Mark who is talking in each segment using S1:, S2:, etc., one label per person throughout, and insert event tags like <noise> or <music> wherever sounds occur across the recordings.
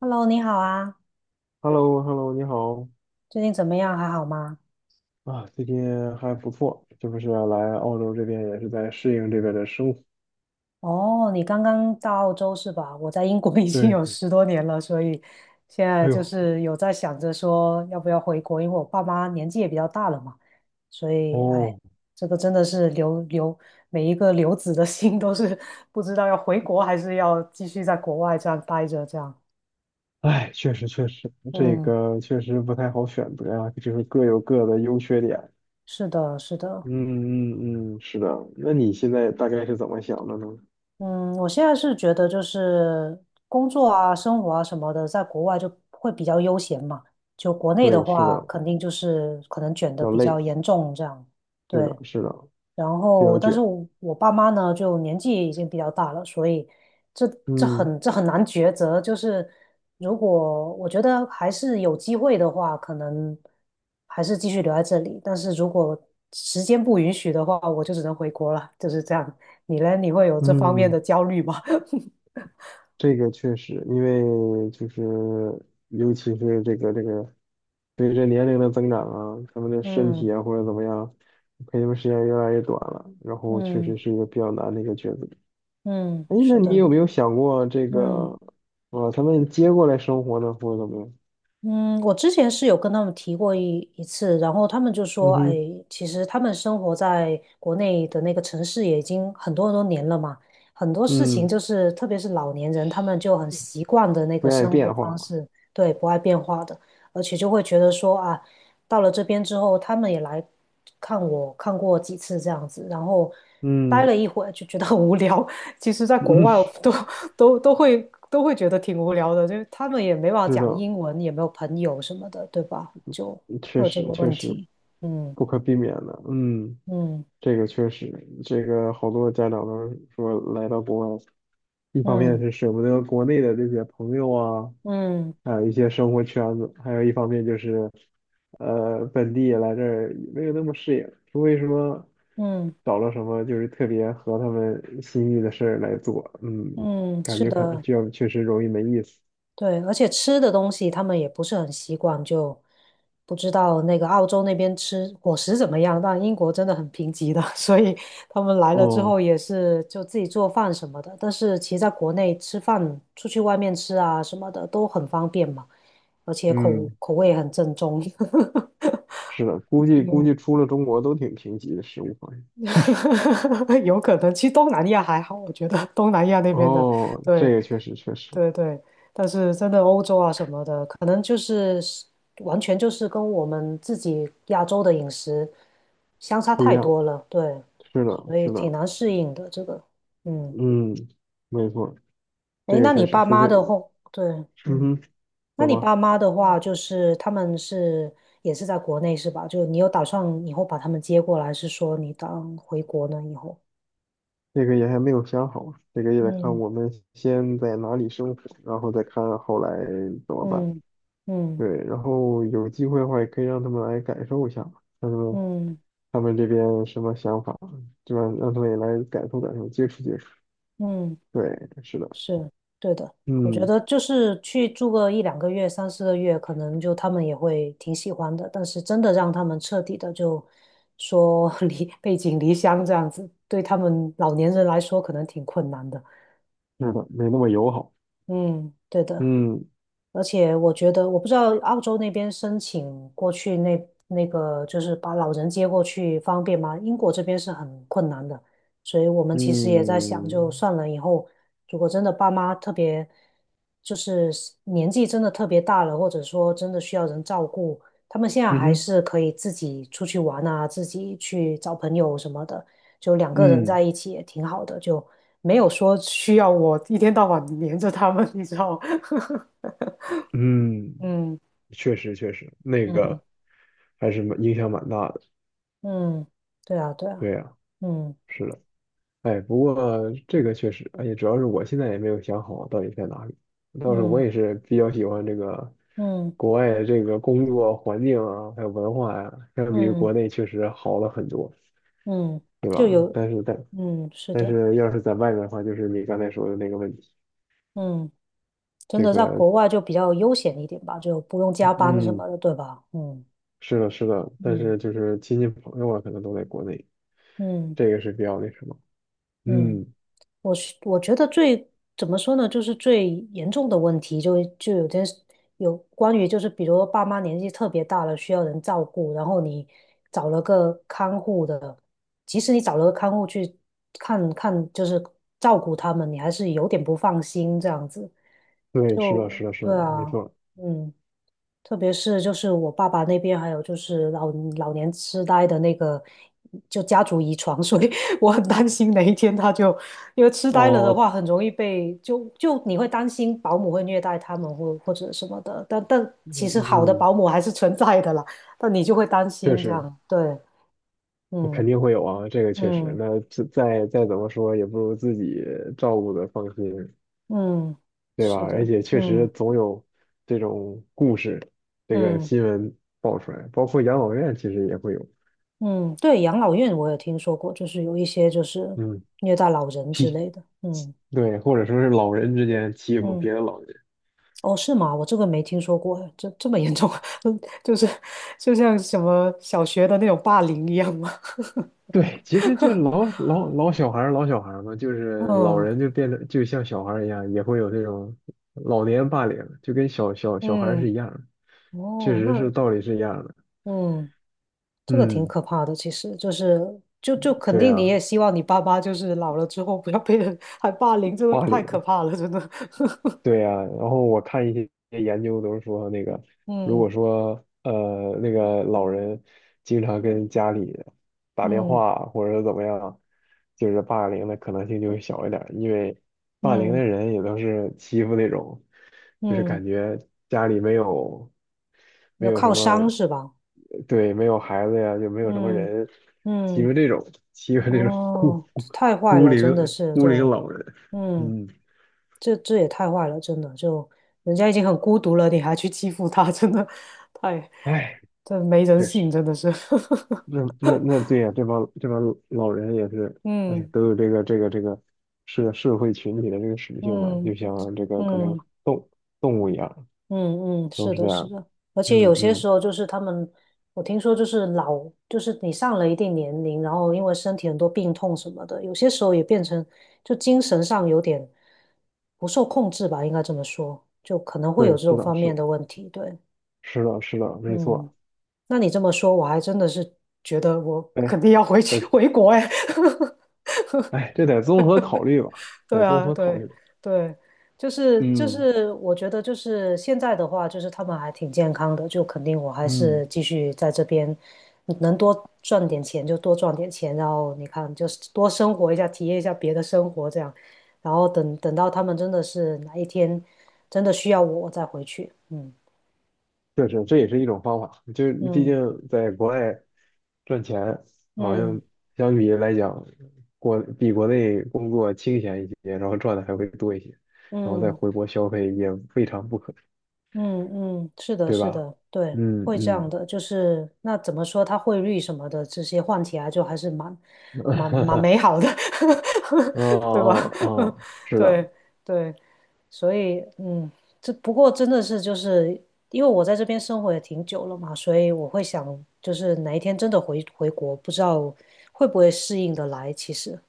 S1: Hello，你好啊，
S2: h e l l o h e l l o 你好
S1: 最近怎么样？还好吗？
S2: 啊，最近还不错，这不是来澳洲这边也是在适应这边的生活。
S1: 哦，你刚刚到澳洲是吧？我在英国 <laughs> 已经
S2: 对
S1: 有
S2: 对，
S1: 10多年了，所以现在
S2: 哎
S1: 就
S2: 呦，
S1: 是有在想着说要不要回国，因为我爸妈年纪也比较大了嘛，所以哎，
S2: 哦，
S1: 这个真的是留每一个留子的 <laughs> 心都是不知道要回国还是要继续在国外这样待着这样。
S2: 哎，确实确实，这
S1: 嗯，
S2: 个确实不太好选择呀，就是各有各的优缺点。
S1: 是的，是
S2: 嗯
S1: 的。
S2: 嗯嗯，是的。那你现在大概是怎么想的呢？
S1: 嗯，我现在是觉得就是工作啊、生活啊什么的，在国外就会比较悠闲嘛。就国内的
S2: 对，是
S1: 话，
S2: 的，
S1: 肯定就是可能卷的
S2: 要
S1: 比较
S2: 累，
S1: 严重这样。
S2: 是的，
S1: 对，
S2: 是的，
S1: 然
S2: 比
S1: 后，
S2: 较
S1: 但是
S2: 卷。
S1: 我爸妈呢，就年纪也已经比较大了，所以这这
S2: 嗯
S1: 很这很难抉择。就是如果我觉得还是有机会的话，可能还是继续留在这里。但是如果时间不允许的话，我就只能回国了，就是这样。你呢？你会有这方面
S2: 嗯，
S1: 的焦虑吗？<laughs>
S2: 这个确实，因为就是尤其是这个随着年龄的增长啊，他们的身
S1: 嗯
S2: 体啊或者怎么样，陪他们时间越来越短了，然后确
S1: 嗯
S2: 实是一个比较难的一个抉择。
S1: 嗯，
S2: 哎，
S1: 是
S2: 那你
S1: 的，
S2: 有没有想过这
S1: 嗯。
S2: 个，把他们接过来生活呢，或者怎么样？
S1: 嗯，我之前是有跟他们提过一次，然后他们就说，
S2: 嗯
S1: 哎，
S2: 哼，
S1: 其实他们生活在国内的那个城市也已经很多很多年了嘛，很多事情
S2: 嗯，
S1: 就是，特别是老年人，他们就很习惯的那个
S2: 不愿意
S1: 生
S2: 变
S1: 活
S2: 化
S1: 方
S2: 了，
S1: 式，对，不爱变化的，而且就会觉得说啊，到了这边之后，他们也来看我，看过几次这样子，然后待
S2: 嗯
S1: 了一会儿就觉得很无聊。<laughs> 其实，在国
S2: 嗯，
S1: 外我都会觉得挺无聊的，就是他们也没办法
S2: 是的，
S1: 讲英文，也没有朋友什么的，对吧？就会
S2: 确
S1: 有这个
S2: 实确
S1: 问
S2: 实
S1: 题。嗯
S2: 不可避免的，嗯，
S1: 嗯
S2: 这个确实，这个好多家长都说来到国外。一方面
S1: 嗯
S2: 是舍不得国内的这些朋友啊，
S1: 嗯
S2: 还有一些生活圈子，还有一方面就是，本地来这儿也没有那么适应，除非说
S1: 嗯
S2: 找了什么就是特别合他们心意的事儿来做，嗯，
S1: 嗯嗯，
S2: 感
S1: 是
S2: 觉可能
S1: 的。
S2: 就确实容易没意思。
S1: 对，而且吃的东西他们也不是很习惯，就不知道那个澳洲那边吃伙食怎么样。但英国真的很贫瘠的，<laughs> 所以他们来了之后
S2: 哦，
S1: 也是就自己做饭什么的。但是其实在国内吃饭，出去外面吃啊什么的都很方便嘛，而且口
S2: 嗯，
S1: 口味很正宗。
S2: 是的，估计出了中国都挺贫瘠的食物方面。
S1: <laughs> 有可能，其实东南亚还好，我觉得东南亚那边的，
S2: 哦，这
S1: 对，
S2: 个确实确实
S1: 对对，但是真的欧洲啊什么的，可能就是完全就是跟我们自己亚洲的饮食相差
S2: 不一
S1: 太
S2: 样，
S1: 多了，对，
S2: 是的，
S1: 所以
S2: 是
S1: 挺
S2: 的，
S1: 难适应的这个。嗯，
S2: 嗯，没错，这
S1: 诶，
S2: 个
S1: 那
S2: 确
S1: 你
S2: 实，
S1: 爸
S2: 除
S1: 妈
S2: 非，
S1: 的话，对，
S2: 嗯
S1: 嗯，
S2: 哼。
S1: 那
S2: 怎
S1: 你爸
S2: 么？
S1: 妈的
S2: 嗯，
S1: 话，就是他们是也是在国内是吧？就你有打算以后把他们接过来，是说你当回国呢以后？
S2: 这个也还没有想好，这个也得看
S1: 嗯
S2: 我们先在哪里生活，然后再看后来怎么办。
S1: 嗯嗯
S2: 对，然后有机会的话，也可以让他们来感受一下，看他们
S1: 嗯
S2: 他们这边什么想法，就让他们也来感受感受，接触接触。
S1: 嗯。
S2: 对，是的，
S1: 是对的，我觉
S2: 嗯，
S1: 得就是去住个一两个月、三四个月，可能就他们也会挺喜欢的。但是真的让他们彻底的就说 <laughs> 离背井离乡这样子，对他们老年人来说可能挺困难的。
S2: 是的，没那么友好。
S1: 嗯，对的。
S2: 嗯
S1: 而且我觉得，我不知道澳洲那边申请过去那个，就是把老人接过去方便吗？英国这边是很困难的，所以我们其实也在想，就
S2: 嗯
S1: 算了以后，如果真的爸妈特别，就是年纪真的特别大了，或者说真的需要人照顾，他们现在
S2: 嗯
S1: 还
S2: 哼，
S1: 是可以自己出去玩啊，自己去找朋友什么的，就两个人在
S2: 嗯
S1: 一起也挺好的，就没有说需要我一天到晚黏着他们，你知道吗 <laughs>
S2: 嗯，
S1: 嗯。
S2: 确实确实，那
S1: 嗯
S2: 个还是蛮影响蛮大的。
S1: 嗯，对啊对啊，
S2: 对呀，
S1: 嗯
S2: 是的。哎，不过这个确实，而且主要是我现在也没有想好到底在哪里。倒是我
S1: 嗯
S2: 也是比较喜欢这个
S1: 嗯
S2: 国外的这个工作环境啊，还有文化呀、相比于国
S1: 嗯
S2: 内确实好了很多，
S1: 嗯，
S2: 对
S1: 就
S2: 吧？嗯
S1: 有，
S2: 但是但
S1: 嗯是
S2: 但
S1: 的，
S2: 是要是在外面的话，就是你刚才说的那个问题，
S1: 嗯，真
S2: 这
S1: 的在
S2: 个
S1: 国外就比较悠闲一点吧，就不用加班什
S2: 嗯，
S1: 么的，对吧？嗯
S2: 是的，是的，但
S1: 嗯
S2: 是就是亲戚朋友啊，可能都在国内，
S1: 嗯
S2: 这个是比较那什么。
S1: 嗯
S2: 嗯，
S1: 我觉得最怎么说呢，就是最严重的问题就有件事有关于就是，比如爸妈年纪特别大了，需要人照顾，然后你找了个看护的，即使你找了个看护去看看，就是照顾他们，你还是有点不放心这样子。
S2: 对，是的，
S1: 就
S2: 是的，是
S1: 对
S2: 的，没
S1: 啊，
S2: 错。
S1: 嗯。特别是就是我爸爸那边，还有就是老年痴呆的那个，就家族遗传，所以 <laughs> 我很担心哪一天他就，因为痴呆了的
S2: 哦，
S1: 话，很容易被你会担心保姆会虐待他们或者什么的，但
S2: 嗯，
S1: 其实好的
S2: 嗯
S1: 保姆还是存在的啦，但你就会担
S2: 确
S1: 心这
S2: 实。
S1: 样，对，
S2: 那肯
S1: 嗯
S2: 定会有啊，这个确实。
S1: 嗯
S2: 那再怎么说，也不如自己照顾的放心，
S1: 嗯，
S2: 对吧？
S1: 是
S2: 而
S1: 的，
S2: 且确实
S1: 嗯
S2: 总有这种故事，这个
S1: 嗯
S2: 新闻爆出来，包括养老院其实也会有，
S1: 嗯，对，养老院我也听说过，就是有一些就是
S2: 嗯，
S1: 虐待老人之
S2: 欺，
S1: 类的，嗯。
S2: 对，或者说是老人之间欺负
S1: 嗯。
S2: 别的老人。
S1: 哦，是吗？我这个没听说过，这么严重，<laughs> 就是就像什么小学的那种霸凌一样吗？<laughs>
S2: 对，其实就老小孩儿老小孩儿嘛，就是老
S1: 嗯
S2: 人就变得就像小孩儿一样，也会有这种老年霸凌，就跟小孩儿
S1: 嗯，
S2: 是一样的，确
S1: 哦，
S2: 实是
S1: 那
S2: 道理是一样的。
S1: 嗯，这个挺
S2: 嗯，
S1: 可怕的，其实就是肯
S2: 对
S1: 定你
S2: 呀、
S1: 也希望你爸爸就是老了之后不要被人还霸凌，这个
S2: 霸
S1: 太可
S2: 凌，
S1: 怕了，真的。<laughs>
S2: 对呀，然后我看一些研究都是说，那个如果
S1: 嗯
S2: 说那个老人经常跟家里打电
S1: 嗯
S2: 话或者怎么样，就是霸凌的可能性就会小一点儿因为霸凌的
S1: 嗯
S2: 人也都是欺负那种，就是
S1: 嗯，
S2: 感觉家里没有没
S1: 要
S2: 有什
S1: 靠
S2: 么，
S1: 山是吧？
S2: 对，没有孩子呀，就没有什么
S1: 嗯
S2: 人欺
S1: 嗯，
S2: 负这种欺负这种孤
S1: 哦，太坏
S2: 孤
S1: 了，真的
S2: 零
S1: 是，
S2: 孤
S1: 对，
S2: 零老人，
S1: 嗯。
S2: 嗯。
S1: 这也太坏了，真的，就人家已经很孤独了，你还去欺负他，真的太，
S2: 哎，唉
S1: 这没人
S2: 确
S1: 性，
S2: 实，
S1: 真的是。<laughs>
S2: 那对呀、这帮老人也是，哎，
S1: 嗯
S2: 都有这个社会群体的这个属性嘛，就
S1: 嗯
S2: 像这个可能
S1: 嗯
S2: 动动物一样，
S1: 嗯嗯，
S2: 都
S1: 是
S2: 是这
S1: 的，是
S2: 样。
S1: 的，而且
S2: 嗯
S1: 有些时
S2: 嗯，
S1: 候就是他们，我听说就是老，就是你上了一定年龄，然后因为身体很多病痛什么的，有些时候也变成就精神上有点不受控制吧，应该这么说，就可能会
S2: 对，
S1: 有这种
S2: 是的，
S1: 方
S2: 是
S1: 面
S2: 的，
S1: 的问题，对，
S2: 是的，是的，没
S1: 嗯。
S2: 错。
S1: 那你这么说，我还真的是觉得我
S2: 哎，
S1: 肯定要回
S2: 哎，
S1: 去 <laughs> 回国哎。
S2: 哎，这得综合考虑吧，
S1: <laughs>
S2: 得
S1: 对
S2: 综
S1: 啊，
S2: 合考
S1: 对
S2: 虑。
S1: 对，就是就
S2: 嗯
S1: 是，我觉得就是现在的话，就是他们还挺健康的，就肯定我还
S2: 嗯，
S1: 是继续在这边，能多赚点钱就多赚点钱，然后你看就是多生活一下，体验一下别的生活这样，然后等等到他们真的是哪一天真的需要我，我再回去。嗯
S2: 确实，这也是一种方法。就毕竟
S1: 嗯
S2: 在国外，赚钱好
S1: 嗯
S2: 像相比来讲，比国内工作清闲一些，然后赚的还会多一些，然后再
S1: 嗯。
S2: 回国消费也未尝不可，
S1: 嗯嗯，是的，
S2: 对
S1: 是
S2: 吧？
S1: 的，对，
S2: 嗯
S1: 会这样
S2: 嗯，
S1: 的，就是那怎么说，它汇率什么的这些换起来就还是蛮美好的，<laughs>
S2: 啊
S1: 对吧？
S2: 啊啊，
S1: <laughs>
S2: 是
S1: 对
S2: 的，
S1: 对，所以嗯，这不过真的是就是因为我在这边生活也挺久了嘛，所以我会想，就是哪一天真的回国，不知道会不会适应的来。其实，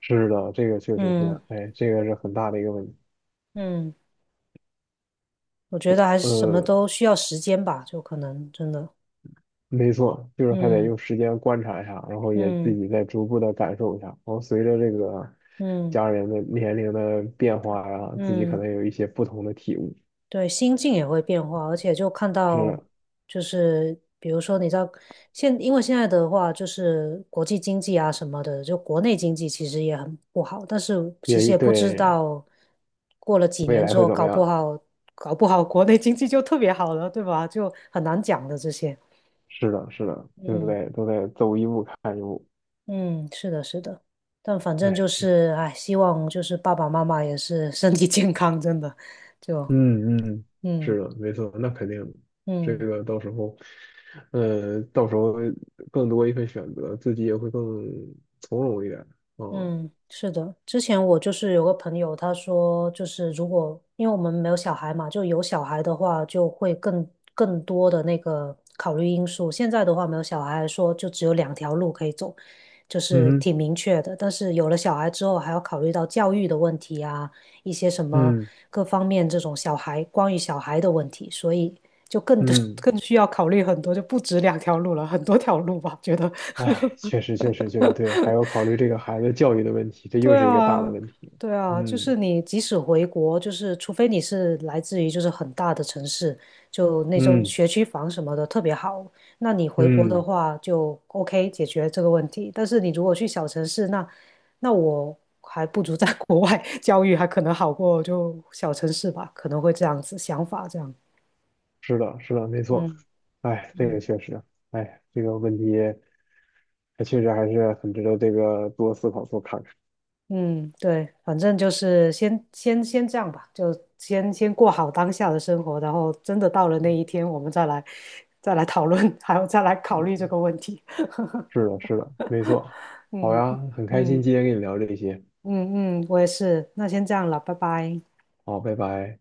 S2: 是的，这个确实
S1: 嗯
S2: 是，哎，这个是很大的一个问题。
S1: 嗯，我觉得还是什么
S2: 呃，
S1: 都需要时间吧，就可能真的，
S2: 没错，就是还得
S1: 嗯
S2: 用时间观察一下，然后也自
S1: 嗯。
S2: 己再逐步的感受一下。然后随着这个
S1: 嗯
S2: 家人的年龄的变化呀，自己可
S1: 嗯，
S2: 能有一些不同的体悟。
S1: 对，心境也会变化，而且就看
S2: 是
S1: 到，
S2: 的，
S1: 就是比如说，你知道，因为现在的话，就是国际经济啊什么的，就国内经济其实也很不好，但是其实
S2: 也
S1: 也不知
S2: 对，
S1: 道，过了几
S2: 未
S1: 年
S2: 来
S1: 之
S2: 会
S1: 后，
S2: 怎么
S1: 搞不
S2: 样？
S1: 好，搞不好国内经济就特别好了，对吧？就很难讲的这些。
S2: 是的，是的，对不
S1: 嗯
S2: 对？都在走一步看一步。
S1: 嗯，是的，是的，但反正就
S2: 哎，是，
S1: 是，哎，希望就是爸爸妈妈也是身体健康，真的，就
S2: 嗯嗯，
S1: 嗯
S2: 是的，没错，那肯定的这
S1: 嗯。
S2: 个到时候更多一份选择，自己也会更从容一点。嗯
S1: 嗯，是的，之前我就是有个朋友，他说就是如果因为我们没有小孩嘛，就有小孩的话，就会更多的那个考虑因素。现在的话，没有小孩来说，就只有两条路可以走，就是
S2: 嗯
S1: 挺明确的。但是有了小孩之后，还要考虑到教育的问题啊，一些什么
S2: 嗯
S1: 各方面这种小孩关于小孩的问题，所以就更 <laughs>
S2: 嗯，
S1: 更需要考虑很多，就不止两条路了，很多条路吧，觉得。
S2: 哎，
S1: <laughs>
S2: 确实确实确实对，还要考虑这个孩子教育的问题，这又
S1: 对
S2: 是一个大的
S1: 啊，
S2: 问题。
S1: 对啊，就
S2: 嗯
S1: 是你即使回国，就是除非你是来自于就是很大的城市，就那种
S2: 嗯
S1: 学区房什么的特别好，那你回国的
S2: 嗯，
S1: 话就 OK 解决这个问题。但是你如果去小城市，那我还不如在 <laughs> 国外教育还可能好过就小城市吧，可能会这样子想法这样。
S2: 是的，是的，没错。
S1: 嗯
S2: 哎，这
S1: 嗯。
S2: 个确实，哎，这个问题。它确实还是很值得这个多思考、多看看。
S1: 嗯，对，反正就是先这样吧，就先过好当下的生活，然后真的到了那一天，我们再来讨论，<laughs> 还有再来考虑这
S2: 嗯
S1: 个问题。
S2: 是的，是的，没错。
S1: <laughs>
S2: 好
S1: 嗯
S2: 呀，很开心
S1: 嗯
S2: 今天跟你聊这些。
S1: 嗯嗯，我也是，那先这样了，拜拜。
S2: 好，拜拜。